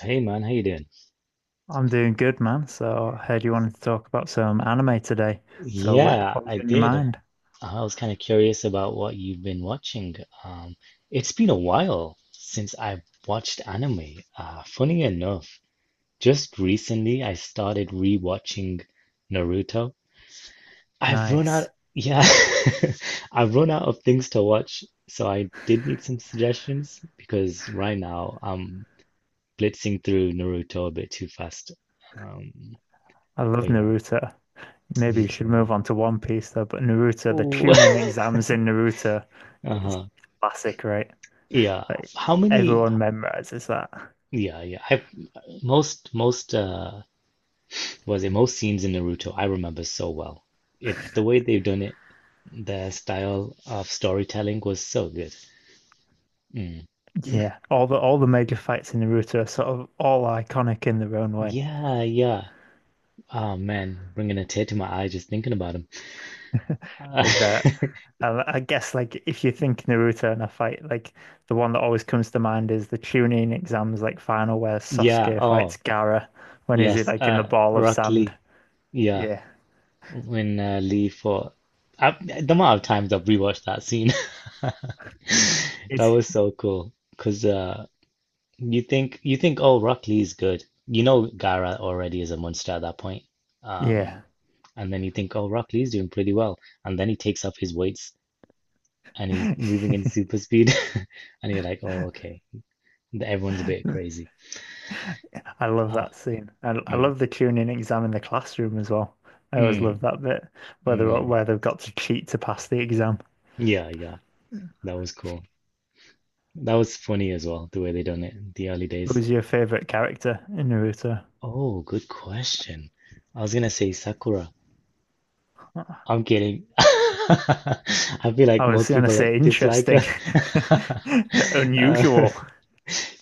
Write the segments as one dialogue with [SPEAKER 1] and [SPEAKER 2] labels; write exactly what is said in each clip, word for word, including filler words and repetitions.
[SPEAKER 1] Hey man, how you doing?
[SPEAKER 2] I'm doing good, man. So I heard you wanted to talk about some anime today. So what,
[SPEAKER 1] Yeah,
[SPEAKER 2] what was
[SPEAKER 1] I
[SPEAKER 2] in your
[SPEAKER 1] did.
[SPEAKER 2] mind?
[SPEAKER 1] I was kind of curious about what you've been watching. Um, it's been a while since I watched anime. Uh, funny enough, just recently I started rewatching Naruto. I've run out,
[SPEAKER 2] Nice.
[SPEAKER 1] yeah, I've run out of things to watch, so I did need some suggestions because right now I'm blitzing through Naruto a bit too fast. Um,
[SPEAKER 2] I love
[SPEAKER 1] but yeah,
[SPEAKER 2] Naruto. Maybe
[SPEAKER 1] me
[SPEAKER 2] you should move
[SPEAKER 1] too.
[SPEAKER 2] on to One Piece though, but Naruto, the
[SPEAKER 1] Ooh.
[SPEAKER 2] tuning exams in Naruto is
[SPEAKER 1] Uh-huh.
[SPEAKER 2] classic, right?
[SPEAKER 1] Yeah.
[SPEAKER 2] Like
[SPEAKER 1] How many?
[SPEAKER 2] everyone memorizes that.
[SPEAKER 1] Yeah, yeah. I've most most uh was it most scenes in Naruto I remember so well. It the way they've done it, the style of storytelling was so good. Mm.
[SPEAKER 2] Yeah. All the all the major fights in Naruto are sort of all iconic in their own way.
[SPEAKER 1] Yeah, yeah. Oh man, bringing a tear to my eye just thinking about him. Uh,
[SPEAKER 2] Like that. Um, I guess like if you think Naruto and a fight, like the one that always comes to mind is the Chunin exams like final where
[SPEAKER 1] yeah.
[SPEAKER 2] Sasuke fights
[SPEAKER 1] Oh,
[SPEAKER 2] Gaara when he's
[SPEAKER 1] yes.
[SPEAKER 2] like in the
[SPEAKER 1] Uh,
[SPEAKER 2] ball of
[SPEAKER 1] Rock
[SPEAKER 2] sand.
[SPEAKER 1] Lee. Yeah,
[SPEAKER 2] Yeah.
[SPEAKER 1] when uh, Lee for I, the amount of times I've rewatched that scene, that
[SPEAKER 2] It's
[SPEAKER 1] was so cool. Cause uh, you think you think oh Rock Lee's good. You know Gara already is a monster at that point.
[SPEAKER 2] Yeah.
[SPEAKER 1] Um, and then you think oh Rock Lee's doing pretty well, and then he takes up his weights and he's moving in super speed, and you're like oh okay, everyone's a bit crazy.
[SPEAKER 2] I love
[SPEAKER 1] Ah,
[SPEAKER 2] that scene. I, I
[SPEAKER 1] mm,
[SPEAKER 2] love the Chunin exam in the classroom as well. I always love
[SPEAKER 1] mm,
[SPEAKER 2] that bit where they
[SPEAKER 1] mm.
[SPEAKER 2] where they've got to cheat to pass the exam.
[SPEAKER 1] Yeah, yeah, that was cool. That was funny as well the way they done it in the early days.
[SPEAKER 2] Who's your favorite character in Naruto?
[SPEAKER 1] Oh, good question. I was gonna say Sakura. I'm kidding. I feel
[SPEAKER 2] I
[SPEAKER 1] like
[SPEAKER 2] was
[SPEAKER 1] most
[SPEAKER 2] gonna
[SPEAKER 1] people like-
[SPEAKER 2] say
[SPEAKER 1] dislike
[SPEAKER 2] interesting,
[SPEAKER 1] her. Uh,
[SPEAKER 2] unusual.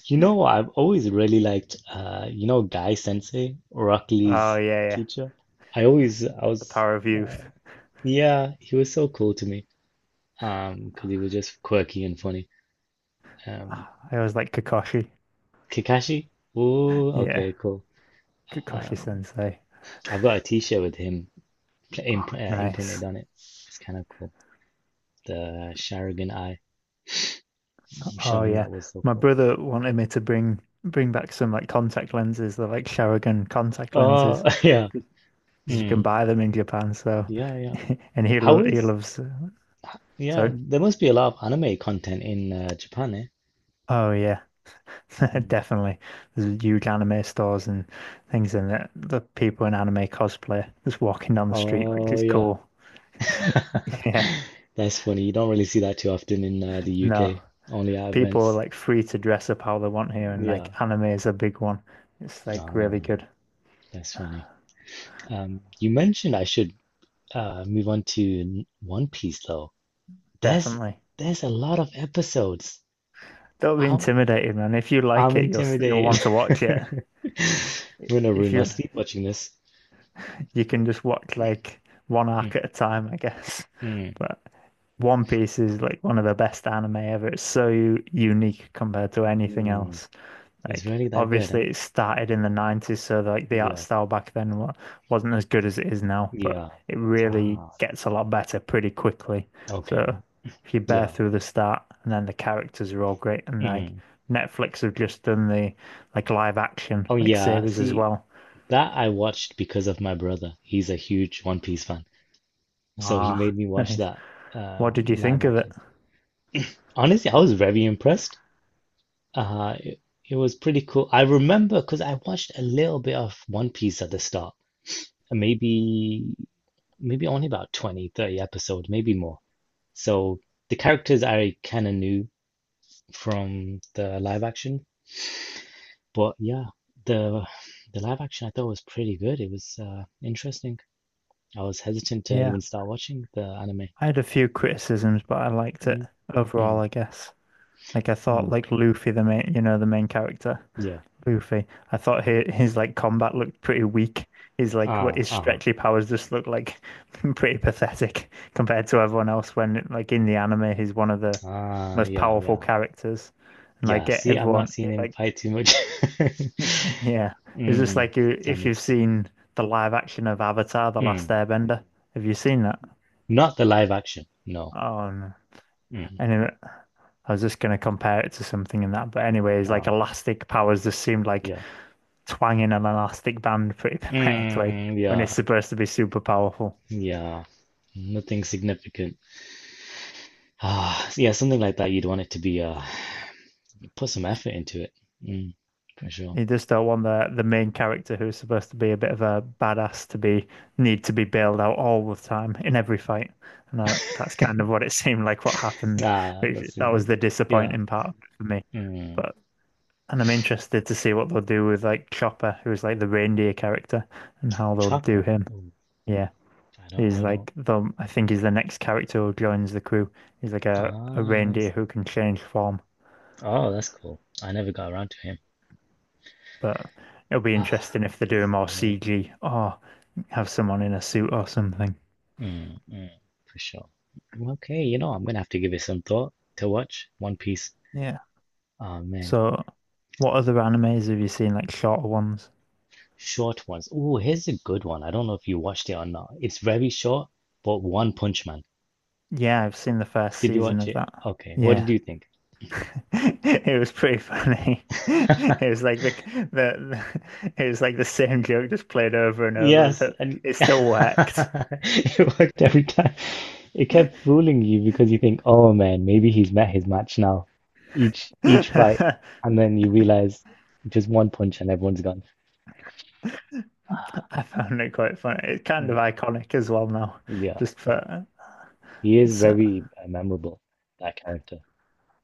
[SPEAKER 1] you know, I've always really liked, uh, you know, Guy Sensei, Rock
[SPEAKER 2] Oh
[SPEAKER 1] Lee's
[SPEAKER 2] yeah, yeah.
[SPEAKER 1] teacher. I always, I
[SPEAKER 2] The
[SPEAKER 1] was,
[SPEAKER 2] power of
[SPEAKER 1] uh,
[SPEAKER 2] youth.
[SPEAKER 1] yeah, he was so cool to me. Um, because he was just quirky and funny. Um,
[SPEAKER 2] I always like Kakashi.
[SPEAKER 1] Kakashi, ooh,
[SPEAKER 2] Yeah,
[SPEAKER 1] okay, cool.
[SPEAKER 2] Kakashi
[SPEAKER 1] Um,
[SPEAKER 2] Sensei.
[SPEAKER 1] I've got a t-shirt with him pl- imp uh, imprinted
[SPEAKER 2] Nice.
[SPEAKER 1] on it. It's kind of cool. The Sharingan eye,
[SPEAKER 2] Oh
[SPEAKER 1] showing
[SPEAKER 2] yeah.
[SPEAKER 1] that was so
[SPEAKER 2] My
[SPEAKER 1] cool.
[SPEAKER 2] brother wanted me to bring bring back some like contact lenses. They're like Sharingan contact
[SPEAKER 1] Oh,
[SPEAKER 2] lenses
[SPEAKER 1] yeah.
[SPEAKER 2] because you can
[SPEAKER 1] Mm,
[SPEAKER 2] buy them in Japan. So,
[SPEAKER 1] yeah, yeah.
[SPEAKER 2] and he
[SPEAKER 1] How
[SPEAKER 2] lo he
[SPEAKER 1] is,
[SPEAKER 2] loves. uh,
[SPEAKER 1] h- yeah,
[SPEAKER 2] Sorry.
[SPEAKER 1] there must be a lot of anime content in uh, Japan, eh?
[SPEAKER 2] Oh yeah,
[SPEAKER 1] Mm,
[SPEAKER 2] definitely. There's huge anime stores and things in it. The people in
[SPEAKER 1] mm.
[SPEAKER 2] anime cosplay just walking down the street, which
[SPEAKER 1] Oh,
[SPEAKER 2] is
[SPEAKER 1] yeah.
[SPEAKER 2] cool. Yeah.
[SPEAKER 1] That's funny. You don't really see that too often in uh, the
[SPEAKER 2] No.
[SPEAKER 1] U K, only at
[SPEAKER 2] People are
[SPEAKER 1] events.
[SPEAKER 2] like free to dress up how they want here, and like
[SPEAKER 1] Yeah.
[SPEAKER 2] anime is a big one. It's like
[SPEAKER 1] Ah,
[SPEAKER 2] really good,
[SPEAKER 1] that's funny. Um, you mentioned I should uh, move on to n- One Piece, though. There's
[SPEAKER 2] definitely.
[SPEAKER 1] there's a lot of episodes.
[SPEAKER 2] Don't be
[SPEAKER 1] I'm
[SPEAKER 2] intimidated, man. If you like
[SPEAKER 1] I'm
[SPEAKER 2] it, you'll s- you'll
[SPEAKER 1] intimidated.
[SPEAKER 2] want to watch
[SPEAKER 1] I'm
[SPEAKER 2] it.
[SPEAKER 1] gonna
[SPEAKER 2] If
[SPEAKER 1] ruin my
[SPEAKER 2] you
[SPEAKER 1] sleep watching this.
[SPEAKER 2] you can just watch like one
[SPEAKER 1] Hmm.
[SPEAKER 2] arc at a time, I guess.
[SPEAKER 1] Hmm.
[SPEAKER 2] But One Piece is like one of the best anime ever. It's so u- unique compared to anything
[SPEAKER 1] Hmm.
[SPEAKER 2] else.
[SPEAKER 1] It's
[SPEAKER 2] Like
[SPEAKER 1] really that good,
[SPEAKER 2] obviously
[SPEAKER 1] huh?
[SPEAKER 2] it started in the nineties, so like the art
[SPEAKER 1] Yeah,
[SPEAKER 2] style back then wa- wasn't as good as it is now, but
[SPEAKER 1] yeah.
[SPEAKER 2] it really
[SPEAKER 1] Ah,
[SPEAKER 2] gets a lot better pretty quickly. So
[SPEAKER 1] okay.
[SPEAKER 2] if you bear
[SPEAKER 1] Yeah.
[SPEAKER 2] through the start and then the characters are all great and like
[SPEAKER 1] Mm.
[SPEAKER 2] Netflix have just done the like live action
[SPEAKER 1] Oh,
[SPEAKER 2] like
[SPEAKER 1] yeah.
[SPEAKER 2] series as
[SPEAKER 1] See,
[SPEAKER 2] well.
[SPEAKER 1] that I watched because of my brother. He's a huge One Piece fan. So he
[SPEAKER 2] Ah,
[SPEAKER 1] made me watch
[SPEAKER 2] nice.
[SPEAKER 1] that
[SPEAKER 2] What
[SPEAKER 1] um,
[SPEAKER 2] did you
[SPEAKER 1] live
[SPEAKER 2] think of it?
[SPEAKER 1] action. Honestly, I was very impressed. Uh, it, it was pretty cool. I remember because I watched a little bit of One Piece at the start, and maybe maybe only about twenty, thirty 30 episodes, maybe more. So the characters I kind of knew from the live action. But yeah, the the live action I thought was pretty good. It was uh, interesting. I was hesitant to
[SPEAKER 2] Yeah,
[SPEAKER 1] even start watching the anime.
[SPEAKER 2] I had a few criticisms, but I liked it
[SPEAKER 1] Mm,
[SPEAKER 2] overall,
[SPEAKER 1] mm,
[SPEAKER 2] I guess. Like I thought
[SPEAKER 1] mm,
[SPEAKER 2] like Luffy the main, you know, the main character.
[SPEAKER 1] yeah.
[SPEAKER 2] Poofy. I thought his, his like combat looked pretty weak. His like what
[SPEAKER 1] Ah,
[SPEAKER 2] his
[SPEAKER 1] uh-huh.
[SPEAKER 2] stretchy powers just look like pretty pathetic compared to everyone else. When like in the anime, he's one of the
[SPEAKER 1] Ah,
[SPEAKER 2] most
[SPEAKER 1] yeah,
[SPEAKER 2] powerful
[SPEAKER 1] yeah.
[SPEAKER 2] characters, and like
[SPEAKER 1] Yeah,
[SPEAKER 2] get
[SPEAKER 1] see, I've not
[SPEAKER 2] everyone
[SPEAKER 1] seen him
[SPEAKER 2] like
[SPEAKER 1] fight too much.
[SPEAKER 2] yeah. It's just
[SPEAKER 1] Mm,
[SPEAKER 2] like you
[SPEAKER 1] that
[SPEAKER 2] if you've
[SPEAKER 1] makes sense.
[SPEAKER 2] seen the live action of Avatar: The Last
[SPEAKER 1] Mm.
[SPEAKER 2] Airbender. Have you seen that?
[SPEAKER 1] Not the live action. No.
[SPEAKER 2] Oh no.
[SPEAKER 1] Mm.
[SPEAKER 2] Anyway, I was just gonna compare it to something in that, but anyways, like
[SPEAKER 1] Ah,
[SPEAKER 2] elastic powers just seemed like
[SPEAKER 1] yeah.
[SPEAKER 2] twanging an elastic band pretty pathetically
[SPEAKER 1] Mm,
[SPEAKER 2] when it's
[SPEAKER 1] yeah.
[SPEAKER 2] supposed to be super powerful.
[SPEAKER 1] Yeah. Nothing significant. Ah, yeah, something like that. You'd want it to be uh put some effort into it. Mm, for sure.
[SPEAKER 2] You just don't want the the main character who's supposed to be a bit of a badass to be need to be bailed out all the time in every fight, and that, that's kind of what it seemed like what happened.
[SPEAKER 1] Ah,
[SPEAKER 2] which-
[SPEAKER 1] that's in
[SPEAKER 2] that
[SPEAKER 1] it.
[SPEAKER 2] was the
[SPEAKER 1] Yeah.
[SPEAKER 2] disappointing part for me.
[SPEAKER 1] Mm.
[SPEAKER 2] But and I'm interested to see what they'll do with like Chopper, who's like the reindeer character, and how they'll do
[SPEAKER 1] Chopper.
[SPEAKER 2] him.
[SPEAKER 1] Ooh,
[SPEAKER 2] Yeah.
[SPEAKER 1] I don't,
[SPEAKER 2] He's
[SPEAKER 1] I don't.
[SPEAKER 2] like the, I think he's the next character who joins the crew. He's like a, a
[SPEAKER 1] Ah, who
[SPEAKER 2] reindeer
[SPEAKER 1] is it?
[SPEAKER 2] who can change form.
[SPEAKER 1] Oh, that's cool. I never got around to him.
[SPEAKER 2] But it'll be
[SPEAKER 1] Ah,
[SPEAKER 2] interesting if they do more
[SPEAKER 1] yeah.
[SPEAKER 2] C G or have someone in a suit or something.
[SPEAKER 1] Mm, mm, for sure. Okay, you know, I'm gonna have to give it some thought to watch One Piece.
[SPEAKER 2] Yeah.
[SPEAKER 1] Oh man,
[SPEAKER 2] So, what other animes have you seen, like shorter ones?
[SPEAKER 1] short ones. Oh, here's a good one. I don't know if you watched it or not. It's very short, but One Punch Man.
[SPEAKER 2] Yeah, I've seen the first
[SPEAKER 1] Did you
[SPEAKER 2] season
[SPEAKER 1] watch
[SPEAKER 2] of
[SPEAKER 1] it?
[SPEAKER 2] that.
[SPEAKER 1] Okay, what did
[SPEAKER 2] Yeah.
[SPEAKER 1] you think?
[SPEAKER 2] It was pretty funny. It was like the, the, the it was like the same joke just played over and over
[SPEAKER 1] Yes,
[SPEAKER 2] that
[SPEAKER 1] and
[SPEAKER 2] it still worked.
[SPEAKER 1] it worked every time. It kept fooling you because you think, "Oh man, maybe he's met his match now." Each each fight, and then you realize just one punch and everyone's gone.
[SPEAKER 2] I found it quite funny. It's kind of
[SPEAKER 1] Mm,
[SPEAKER 2] iconic as well now,
[SPEAKER 1] yeah,
[SPEAKER 2] just
[SPEAKER 1] yeah.
[SPEAKER 2] for,
[SPEAKER 1] He is
[SPEAKER 2] so
[SPEAKER 1] very uh, memorable, that character.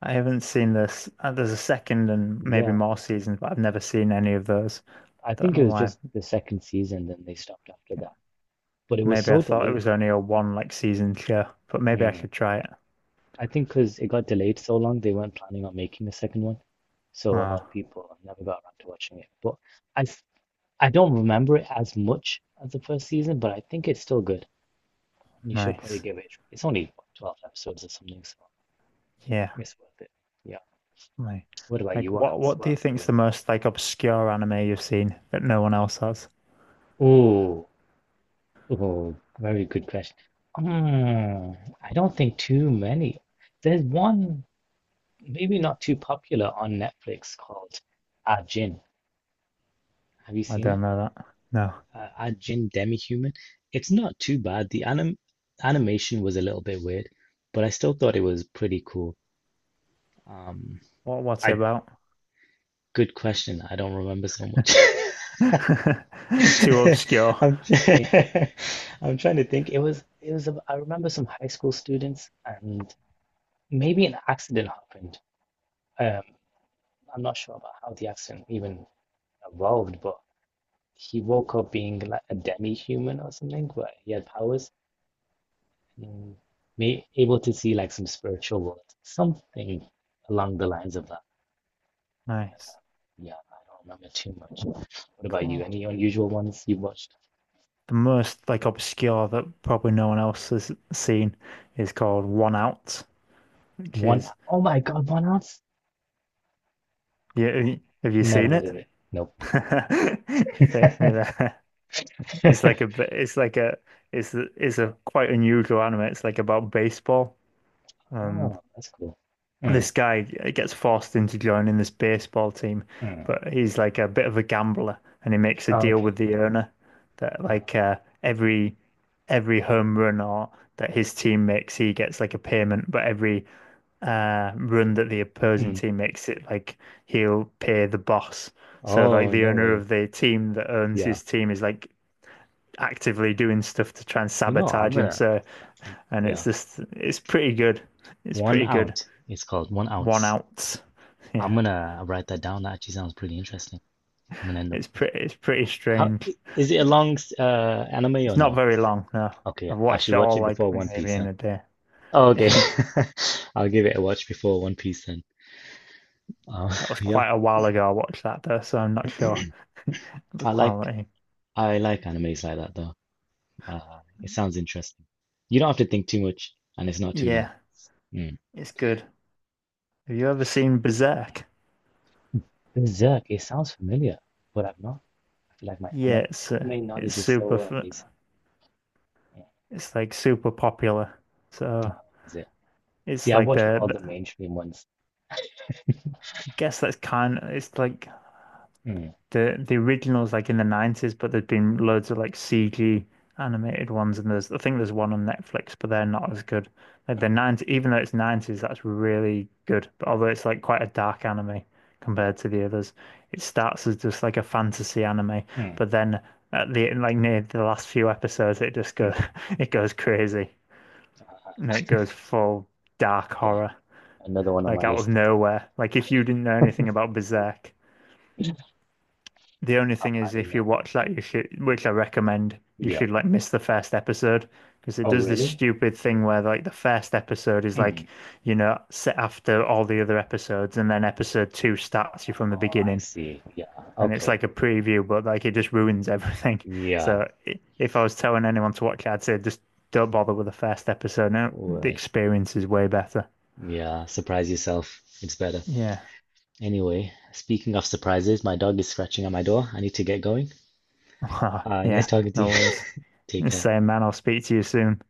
[SPEAKER 2] I haven't seen this. Uh, there's a second and maybe
[SPEAKER 1] Yeah,
[SPEAKER 2] more
[SPEAKER 1] yeah.
[SPEAKER 2] seasons, but I've never seen any of those. I
[SPEAKER 1] I
[SPEAKER 2] don't
[SPEAKER 1] think
[SPEAKER 2] know
[SPEAKER 1] it was
[SPEAKER 2] why.
[SPEAKER 1] just the second season, then they stopped after that. But it was
[SPEAKER 2] Maybe I
[SPEAKER 1] so
[SPEAKER 2] thought it
[SPEAKER 1] delayed.
[SPEAKER 2] was only a one like season show, but maybe I should try it.
[SPEAKER 1] I think because it got delayed so long, they weren't planning on making a second one. So a lot of
[SPEAKER 2] Oh,
[SPEAKER 1] people never got around to watching it. But I, f- I don't remember it as much as the first season, but I think it's still good. You should probably
[SPEAKER 2] nice.
[SPEAKER 1] give it a try. It's only what, twelve episodes or something, so
[SPEAKER 2] Yeah,
[SPEAKER 1] it's worth it. Yeah.
[SPEAKER 2] like,
[SPEAKER 1] What about you?
[SPEAKER 2] like
[SPEAKER 1] What
[SPEAKER 2] what
[SPEAKER 1] else?
[SPEAKER 2] what
[SPEAKER 1] What
[SPEAKER 2] do you
[SPEAKER 1] else have you
[SPEAKER 2] think's the
[SPEAKER 1] watched?
[SPEAKER 2] most like obscure anime you've seen that no one else has?
[SPEAKER 1] Oh, oh, very good question. Mm, I don't think too many. There's one, maybe not too popular on Netflix called Ajin. Have you
[SPEAKER 2] I
[SPEAKER 1] seen
[SPEAKER 2] don't
[SPEAKER 1] it?
[SPEAKER 2] know that. No.
[SPEAKER 1] uh, Ajin Demi-Human. It's not too bad. The anim animation was a little bit weird, but I still thought it was pretty cool. Um,
[SPEAKER 2] What what's it
[SPEAKER 1] I
[SPEAKER 2] about?
[SPEAKER 1] Good question. I don't remember so much.
[SPEAKER 2] Too obscure.
[SPEAKER 1] I'm trying, I'm trying to think. It was it was a, I remember some high school students and maybe an accident happened. Um, I'm not sure about how the accident even evolved, but he woke up being like a demi-human or something, where he had powers. Mm, may able to see like some spiritual world, something along the lines of that. But,
[SPEAKER 2] Nice.
[SPEAKER 1] uh, yeah, I don't remember too much. What about you?
[SPEAKER 2] Cool.
[SPEAKER 1] Any unusual ones you've watched?
[SPEAKER 2] The most like obscure that probably no one else has seen is called One Out, which
[SPEAKER 1] One,
[SPEAKER 2] is,
[SPEAKER 1] oh my God, One Ounce?
[SPEAKER 2] yeah. Have you have you
[SPEAKER 1] Never
[SPEAKER 2] seen
[SPEAKER 1] heard
[SPEAKER 2] it?
[SPEAKER 1] of it. Nope.
[SPEAKER 2] You faked me there. It's like a b- it's like a it's a- it's a quite unusual anime. It's like about baseball, and
[SPEAKER 1] Oh, that's cool. Mm,
[SPEAKER 2] this guy gets forced into joining this baseball team,
[SPEAKER 1] mm.
[SPEAKER 2] but he's like a bit of a gambler, and he makes a
[SPEAKER 1] Oh,
[SPEAKER 2] deal
[SPEAKER 1] okay.
[SPEAKER 2] with the owner that
[SPEAKER 1] Uh,
[SPEAKER 2] like uh, every every home run or that his team makes, he gets like a payment, but every uh, run that the opposing
[SPEAKER 1] mm.
[SPEAKER 2] team makes, it like he'll pay the boss. So like
[SPEAKER 1] Oh,
[SPEAKER 2] the
[SPEAKER 1] no
[SPEAKER 2] owner
[SPEAKER 1] way.
[SPEAKER 2] of the team that owns
[SPEAKER 1] Yeah.
[SPEAKER 2] his team is like actively doing stuff to try and
[SPEAKER 1] You know, I'm
[SPEAKER 2] sabotage him.
[SPEAKER 1] gonna,
[SPEAKER 2] So and it's
[SPEAKER 1] yeah.
[SPEAKER 2] just it's pretty good. It's
[SPEAKER 1] One
[SPEAKER 2] pretty good.
[SPEAKER 1] out. It's called one
[SPEAKER 2] One
[SPEAKER 1] ounce.
[SPEAKER 2] out. Yeah.
[SPEAKER 1] I'm gonna write that down. That actually sounds pretty interesting. I'm gonna end up
[SPEAKER 2] It's pretty it's pretty
[SPEAKER 1] how i-
[SPEAKER 2] strange.
[SPEAKER 1] is it a long s- uh anime
[SPEAKER 2] It's
[SPEAKER 1] or
[SPEAKER 2] not
[SPEAKER 1] no?
[SPEAKER 2] very long, no.
[SPEAKER 1] Okay,
[SPEAKER 2] I've
[SPEAKER 1] I
[SPEAKER 2] watched
[SPEAKER 1] should
[SPEAKER 2] it
[SPEAKER 1] watch
[SPEAKER 2] all
[SPEAKER 1] it
[SPEAKER 2] like
[SPEAKER 1] before One
[SPEAKER 2] maybe
[SPEAKER 1] Piece, huh?
[SPEAKER 2] in a day.
[SPEAKER 1] Oh, okay. I'll give it a watch before One Piece then. Uh,
[SPEAKER 2] That was
[SPEAKER 1] yeah,
[SPEAKER 2] quite a while ago I watched that though, so I'm not sure
[SPEAKER 1] I
[SPEAKER 2] the
[SPEAKER 1] like
[SPEAKER 2] quality.
[SPEAKER 1] I like animes like that though. Uh, it sounds interesting. You don't have to think too much, and it's not too long.
[SPEAKER 2] Yeah,
[SPEAKER 1] Mm.
[SPEAKER 2] it's good. Have you ever seen Berserk?
[SPEAKER 1] Berserk, it sounds familiar, but I've not. I feel like my
[SPEAKER 2] Yeah,
[SPEAKER 1] ana-
[SPEAKER 2] it's uh,
[SPEAKER 1] anime
[SPEAKER 2] it's
[SPEAKER 1] knowledge is
[SPEAKER 2] super
[SPEAKER 1] so uh,
[SPEAKER 2] f-
[SPEAKER 1] basic. Mm.
[SPEAKER 2] it's like super popular.
[SPEAKER 1] Oh,
[SPEAKER 2] So
[SPEAKER 1] how is it?
[SPEAKER 2] it's
[SPEAKER 1] See, I've
[SPEAKER 2] like
[SPEAKER 1] watched
[SPEAKER 2] the,
[SPEAKER 1] all the
[SPEAKER 2] the
[SPEAKER 1] mainstream ones.
[SPEAKER 2] I guess that's kind of it's like
[SPEAKER 1] Mm.
[SPEAKER 2] the the originals like in the nineties, but there's been loads of like C G animated ones, and there's I think there's one on Netflix, but they're not
[SPEAKER 1] Mm.
[SPEAKER 2] as good. Like the nineties, even though it's nineties, that's really good. But although it's like quite a dark anime
[SPEAKER 1] Yeah.
[SPEAKER 2] compared to the others, it starts as just like a fantasy anime,
[SPEAKER 1] Mm.
[SPEAKER 2] but then at the like near the last few episodes, it just
[SPEAKER 1] Mm.
[SPEAKER 2] goes it goes crazy and it goes full dark
[SPEAKER 1] Okay,
[SPEAKER 2] horror.
[SPEAKER 1] another one on
[SPEAKER 2] Like
[SPEAKER 1] my
[SPEAKER 2] out of
[SPEAKER 1] list.
[SPEAKER 2] nowhere. Like if you didn't know anything about Berserk, the only
[SPEAKER 1] I'm
[SPEAKER 2] thing is, if
[SPEAKER 1] adding up.
[SPEAKER 2] you watch that, you should, which I recommend, you
[SPEAKER 1] Yeah.
[SPEAKER 2] should like miss the first episode because it
[SPEAKER 1] Oh,
[SPEAKER 2] does this
[SPEAKER 1] really?
[SPEAKER 2] stupid thing where like the first episode is
[SPEAKER 1] Hmm.
[SPEAKER 2] like, you know, set after all the other episodes, and then episode two starts you from the
[SPEAKER 1] Oh, I
[SPEAKER 2] beginning,
[SPEAKER 1] see. Yeah.
[SPEAKER 2] and it's
[SPEAKER 1] Okay.
[SPEAKER 2] like a preview, but like it just ruins everything.
[SPEAKER 1] Yeah.
[SPEAKER 2] So if I was telling anyone to watch it, I'd say just don't bother with the first episode. No, the
[SPEAKER 1] What?
[SPEAKER 2] experience is way better.
[SPEAKER 1] Yeah. Surprise yourself. It's better.
[SPEAKER 2] Yeah,
[SPEAKER 1] Anyway, speaking of surprises, my dog is scratching at my door. I need to get going. Uh, nice
[SPEAKER 2] yeah,
[SPEAKER 1] talking to you.
[SPEAKER 2] no worries.
[SPEAKER 1] Take care.
[SPEAKER 2] Same man. I'll speak to you soon.